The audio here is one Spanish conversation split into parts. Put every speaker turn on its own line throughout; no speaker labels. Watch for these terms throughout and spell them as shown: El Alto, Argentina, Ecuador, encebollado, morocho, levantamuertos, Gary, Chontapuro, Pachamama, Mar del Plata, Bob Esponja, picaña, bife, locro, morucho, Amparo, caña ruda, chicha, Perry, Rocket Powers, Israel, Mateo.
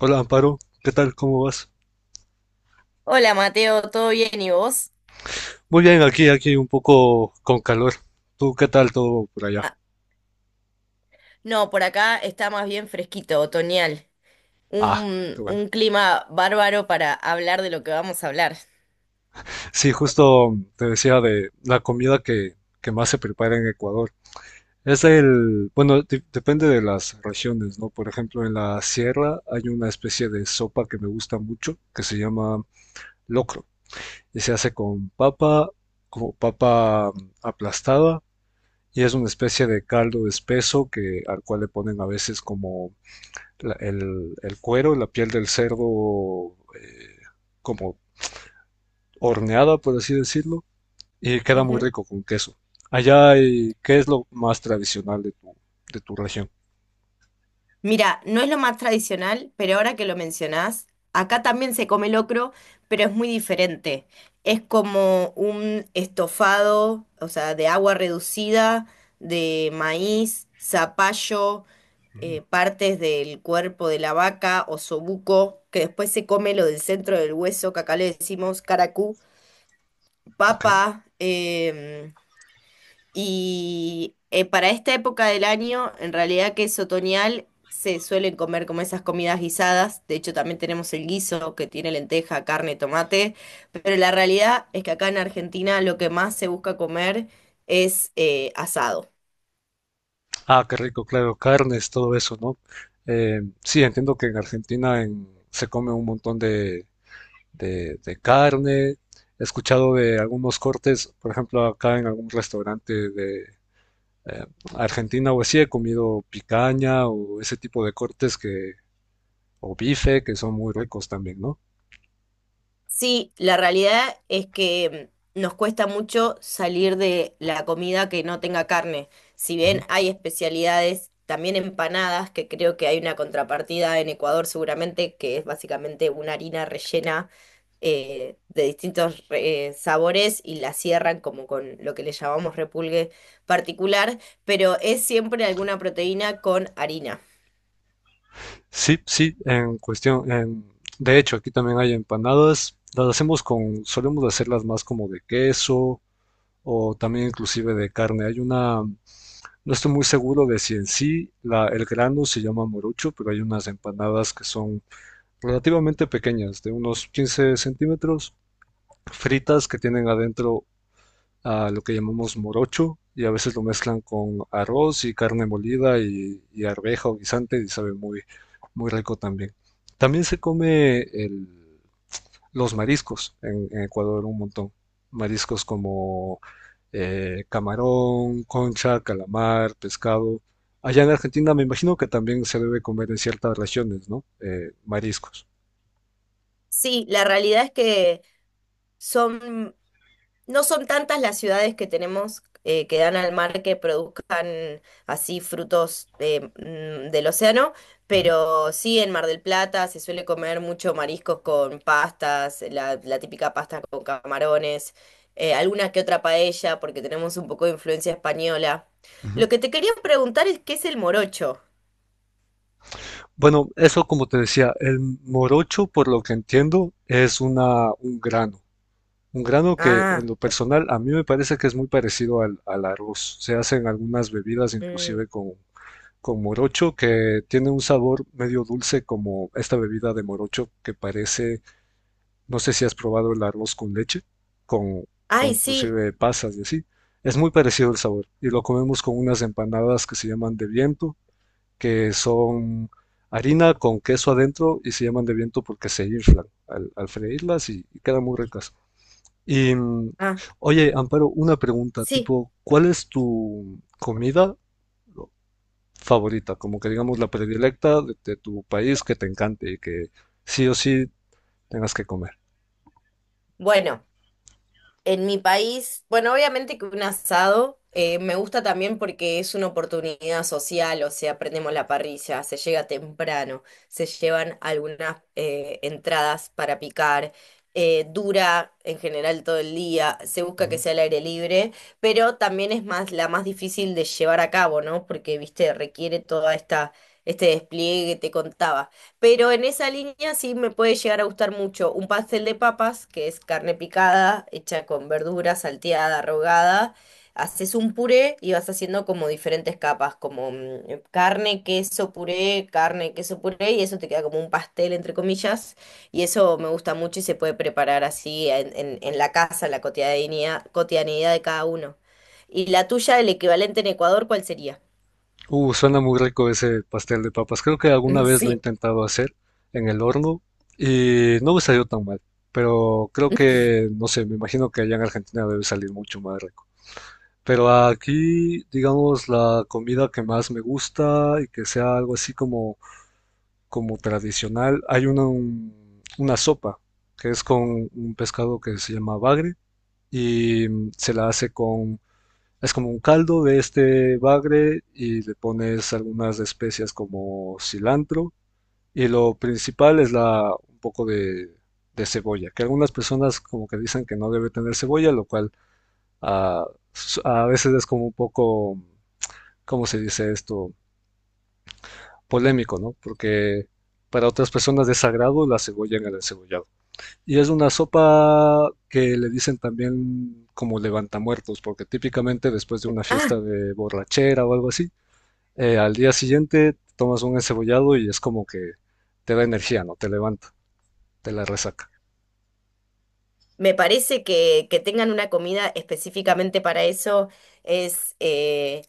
Hola Amparo, ¿qué tal? ¿Cómo vas?
Hola Mateo, ¿todo bien y vos?
Muy bien, aquí un poco con calor. ¿Tú qué tal todo por allá?
Ah, no, por acá está más bien fresquito, otoñal.
Ah, qué
Un,
bueno.
un clima bárbaro para hablar de lo que vamos a hablar.
Sí, justo te decía de la comida que más se prepara en Ecuador. Es bueno, depende de las regiones, ¿no? Por ejemplo, en la sierra hay una especie de sopa que me gusta mucho que se llama locro y se hace con papa, como papa aplastada, y es una especie de caldo espeso que al cual le ponen a veces como el cuero, la piel del cerdo, como horneada, por así decirlo, y queda muy rico con queso. Allá, ¿qué es lo más tradicional de tu región?
Mira, no es lo más tradicional, pero ahora que lo mencionás, acá también se come locro, pero es muy diferente. Es como un estofado, o sea, de agua reducida, de maíz, zapallo, partes del cuerpo de la vaca, osobuco, que después se come lo del centro del hueso, que acá le decimos caracú,
Ok.
papa, y para esta época del año, en realidad que es otoñal, se suelen comer como esas comidas guisadas. De hecho, también tenemos el guiso que tiene lenteja, carne, tomate. Pero la realidad es que acá en Argentina lo que más se busca comer es asado.
Ah, qué rico, claro, carnes, todo eso, ¿no? Sí, entiendo que en Argentina se come un montón de carne. He escuchado de algunos cortes, por ejemplo, acá en algún restaurante de eh, Argentina o así. He comido picaña o ese tipo de cortes o bife, que son muy ricos también, ¿no?
Sí, la realidad es que nos cuesta mucho salir de la comida que no tenga carne. Si bien
Ujú.
hay especialidades, también empanadas, que creo que hay una contrapartida en Ecuador seguramente, que es básicamente una harina rellena de distintos sabores y la cierran como con lo que le llamamos repulgue particular, pero es siempre alguna proteína con harina.
Sí, sí, en cuestión, de hecho, aquí también hay empanadas. Las hacemos solemos hacerlas más como de queso o también inclusive de carne. Hay no estoy muy seguro de si en sí el grano se llama morucho, pero hay unas empanadas que son relativamente pequeñas, de unos 15 cm, fritas, que tienen adentro a lo que llamamos morocho, y a veces lo mezclan con arroz y carne molida y arveja o guisante, y sabe muy, muy rico también. También se come los mariscos en Ecuador un montón. Mariscos como camarón, concha, calamar, pescado. Allá en Argentina me imagino que también se debe comer en ciertas regiones, ¿no? Mariscos.
Sí, la realidad es que son no son tantas las ciudades que tenemos que dan al mar que produzcan así frutos del océano,
Ujú,
pero sí en Mar del Plata se suele comer mucho mariscos con pastas, la típica pasta con camarones, alguna que otra paella, porque tenemos un poco de influencia española.
ujú.
Lo que te quería preguntar es qué es el morocho.
Bueno, eso como te decía, el morocho, por lo que entiendo, es un grano. Un grano que en
Ah,
lo personal a mí me parece que es muy parecido al arroz. Se hacen algunas bebidas
mm,
inclusive con morocho, que tiene un sabor medio dulce, como esta bebida de morocho que parece, no sé si has probado el arroz con leche, con,
ay, sí,
inclusive pasas y así. Es muy parecido el sabor, y lo comemos con unas empanadas que se llaman de viento, que son harina con queso adentro, y se llaman de viento porque se inflan al freírlas, y quedan muy ricas. Y, mm,
ah,
Oye, Amparo, una pregunta,
sí.
tipo, ¿cuál es tu comida favorita? Como que digamos la predilecta de tu país, que te encante y que sí o sí tengas que comer.
Bueno. En mi país, bueno, obviamente que un asado me gusta también porque es una oportunidad social, o sea, prendemos la parrilla, se llega temprano, se llevan algunas entradas para picar, dura en general todo el día, se busca que
Ujú.
sea al aire libre, pero también es más difícil de llevar a cabo, ¿no? Porque, viste, requiere toda esta este despliegue que te contaba. Pero en esa línea sí me puede llegar a gustar mucho un pastel de papas, que es carne picada, hecha con verdura, salteada, rogada. Haces un puré y vas haciendo como diferentes capas, como carne, queso, puré, y eso te queda como un pastel, entre comillas. Y eso me gusta mucho y se puede preparar así en la casa, en la cotidianidad, cotidianidad de cada uno. ¿Y la tuya, el equivalente en Ecuador, cuál sería?
Suena muy rico ese pastel de papas. Creo que alguna vez lo he intentado hacer en el horno y no me salió tan mal, pero creo que, no sé, me imagino que allá en Argentina debe salir mucho más rico. Pero aquí, digamos, la comida que más me gusta y que sea algo así como tradicional, hay una sopa que es con un pescado que se llama bagre, y se la hace es como un caldo de este bagre, y le pones algunas especias como cilantro. Y lo principal es un poco de cebolla, que algunas personas como que dicen que no debe tener cebolla, lo cual, ah, a veces es como un poco, ¿cómo se dice esto?, polémico, ¿no? Porque para otras personas de sagrado la cebolla en el encebollado. Y es una sopa que le dicen también como levantamuertos, porque típicamente después de
Sí.
una fiesta de borrachera o algo así, al día siguiente tomas un encebollado y es como que te da energía, ¿no? Te levanta, te la resaca.
Me parece que tengan una comida específicamente para eso es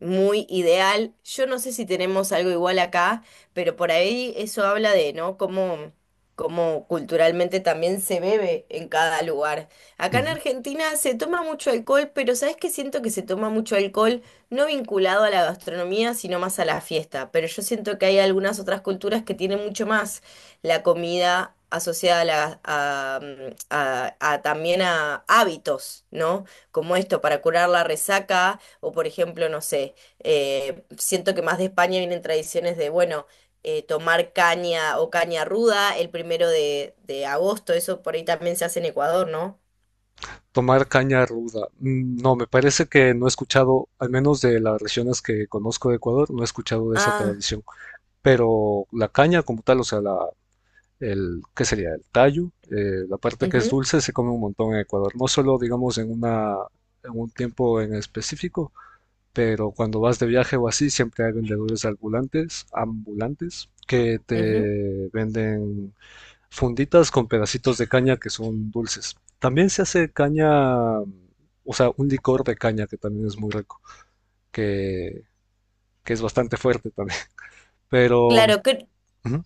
muy ideal. Yo no sé si tenemos algo igual acá, pero por ahí eso habla de, ¿no? Cómo, cómo culturalmente también se bebe en cada lugar. Acá en
Ujú.
Argentina se toma mucho alcohol, pero ¿sabes qué? Siento que se toma mucho alcohol no vinculado a la gastronomía, sino más a la fiesta. Pero yo siento que hay algunas otras culturas que tienen mucho más la comida asociada a, a también a hábitos, ¿no? Como esto, para curar la resaca, o por ejemplo, no sé, siento que más de España vienen tradiciones de, bueno, tomar caña o caña ruda el primero de agosto, eso por ahí también se hace en Ecuador, ¿no?
Tomar caña ruda. Mm, no, me parece que no he escuchado, al menos de las regiones que conozco de Ecuador, no he escuchado de esa
Ah,
tradición. Pero la caña como tal, o sea, ¿qué sería? El tallo, la parte que es
ujú,
dulce se come un montón en Ecuador, no solo digamos en un tiempo en específico, pero cuando vas de viaje o así siempre hay vendedores ambulantes que
ujú.
te venden funditas con pedacitos de caña que son dulces. También se hace caña, o sea, un licor de caña que también es muy rico, que, que es bastante fuerte también, pero...
Claro, que,
Ujú,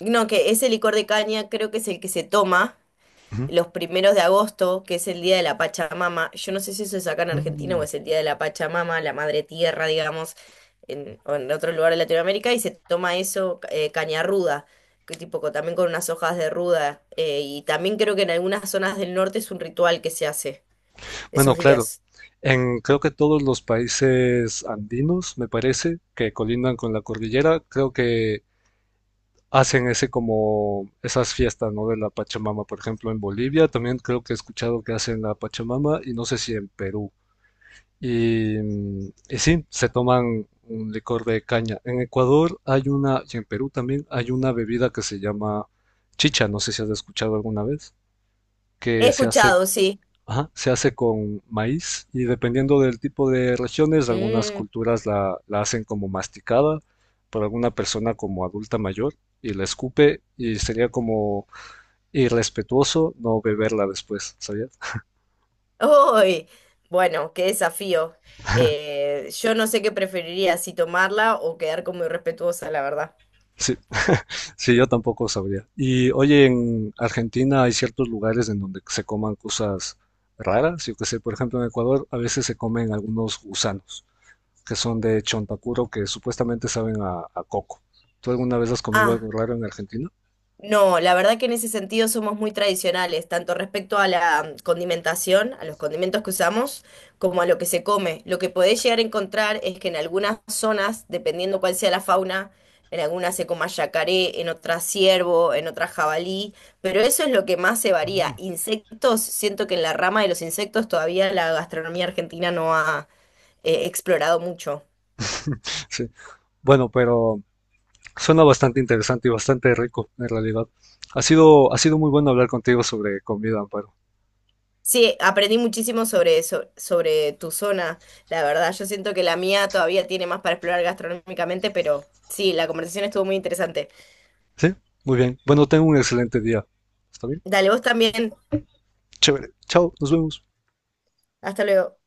no, que ese licor de caña creo que es el que se toma
ujú,
los primeros de agosto, que es el Día de la Pachamama. Yo no sé si eso es acá en Argentina o
mm.
es el Día de la Pachamama, la Madre Tierra, digamos, en, o en otro lugar de Latinoamérica, y se toma eso, caña ruda, que tipo también con unas hojas de ruda. Y también creo que en algunas zonas del norte es un ritual que se hace
Bueno,
esos
claro,
días.
en creo que todos los países andinos, me parece, que colindan con la cordillera, creo que hacen ese como esas fiestas, ¿no? De la Pachamama. Por ejemplo, en Bolivia también creo que he escuchado que hacen la Pachamama, y no sé si en Perú. Y sí, se toman un licor de caña. En Ecuador hay una, y en Perú también hay una bebida que se llama chicha, no sé si has escuchado alguna vez,
He
que se hace.
escuchado, sí.
Ajá, se hace con maíz, y dependiendo del tipo de regiones, algunas
Mm,
culturas la hacen como masticada por alguna persona como adulta mayor, y la escupe, y sería como irrespetuoso no beberla después, ¿sabías?
¡uy! Bueno, qué desafío. Yo no sé qué preferiría, si tomarla o quedar como irrespetuosa, la verdad.
Sí, sí, yo tampoco sabría. Y oye, en Argentina hay ciertos lugares en donde se coman cosas raras, yo qué sé. Por ejemplo, en Ecuador a veces se comen algunos gusanos que son de Chontapuro, que supuestamente saben a coco. ¿Tú alguna vez has comido
Ah.
algo raro en Argentina?
No, la verdad que en ese sentido somos muy tradicionales, tanto respecto a la condimentación, a los condimentos que usamos, como a lo que se come. Lo que podés llegar a encontrar es que en algunas zonas, dependiendo cuál sea la fauna, en algunas se coma yacaré, en otras ciervo, en otras jabalí, pero eso es lo que más se varía.
Mm.
Insectos, siento que en la rama de los insectos todavía la gastronomía argentina no ha explorado mucho.
Sí. Bueno, pero suena bastante interesante y bastante rico, en realidad. Ha sido muy bueno hablar contigo sobre comida, Amparo.
Sí, aprendí muchísimo sobre eso, sobre tu zona, la verdad. Yo siento que la mía todavía tiene más para explorar gastronómicamente, pero sí, la conversación estuvo muy interesante.
Sí, muy bien. Bueno, tengo un excelente día. ¿Está bien?
Dale, vos también.
Chévere. Chao, nos vemos.
Hasta luego.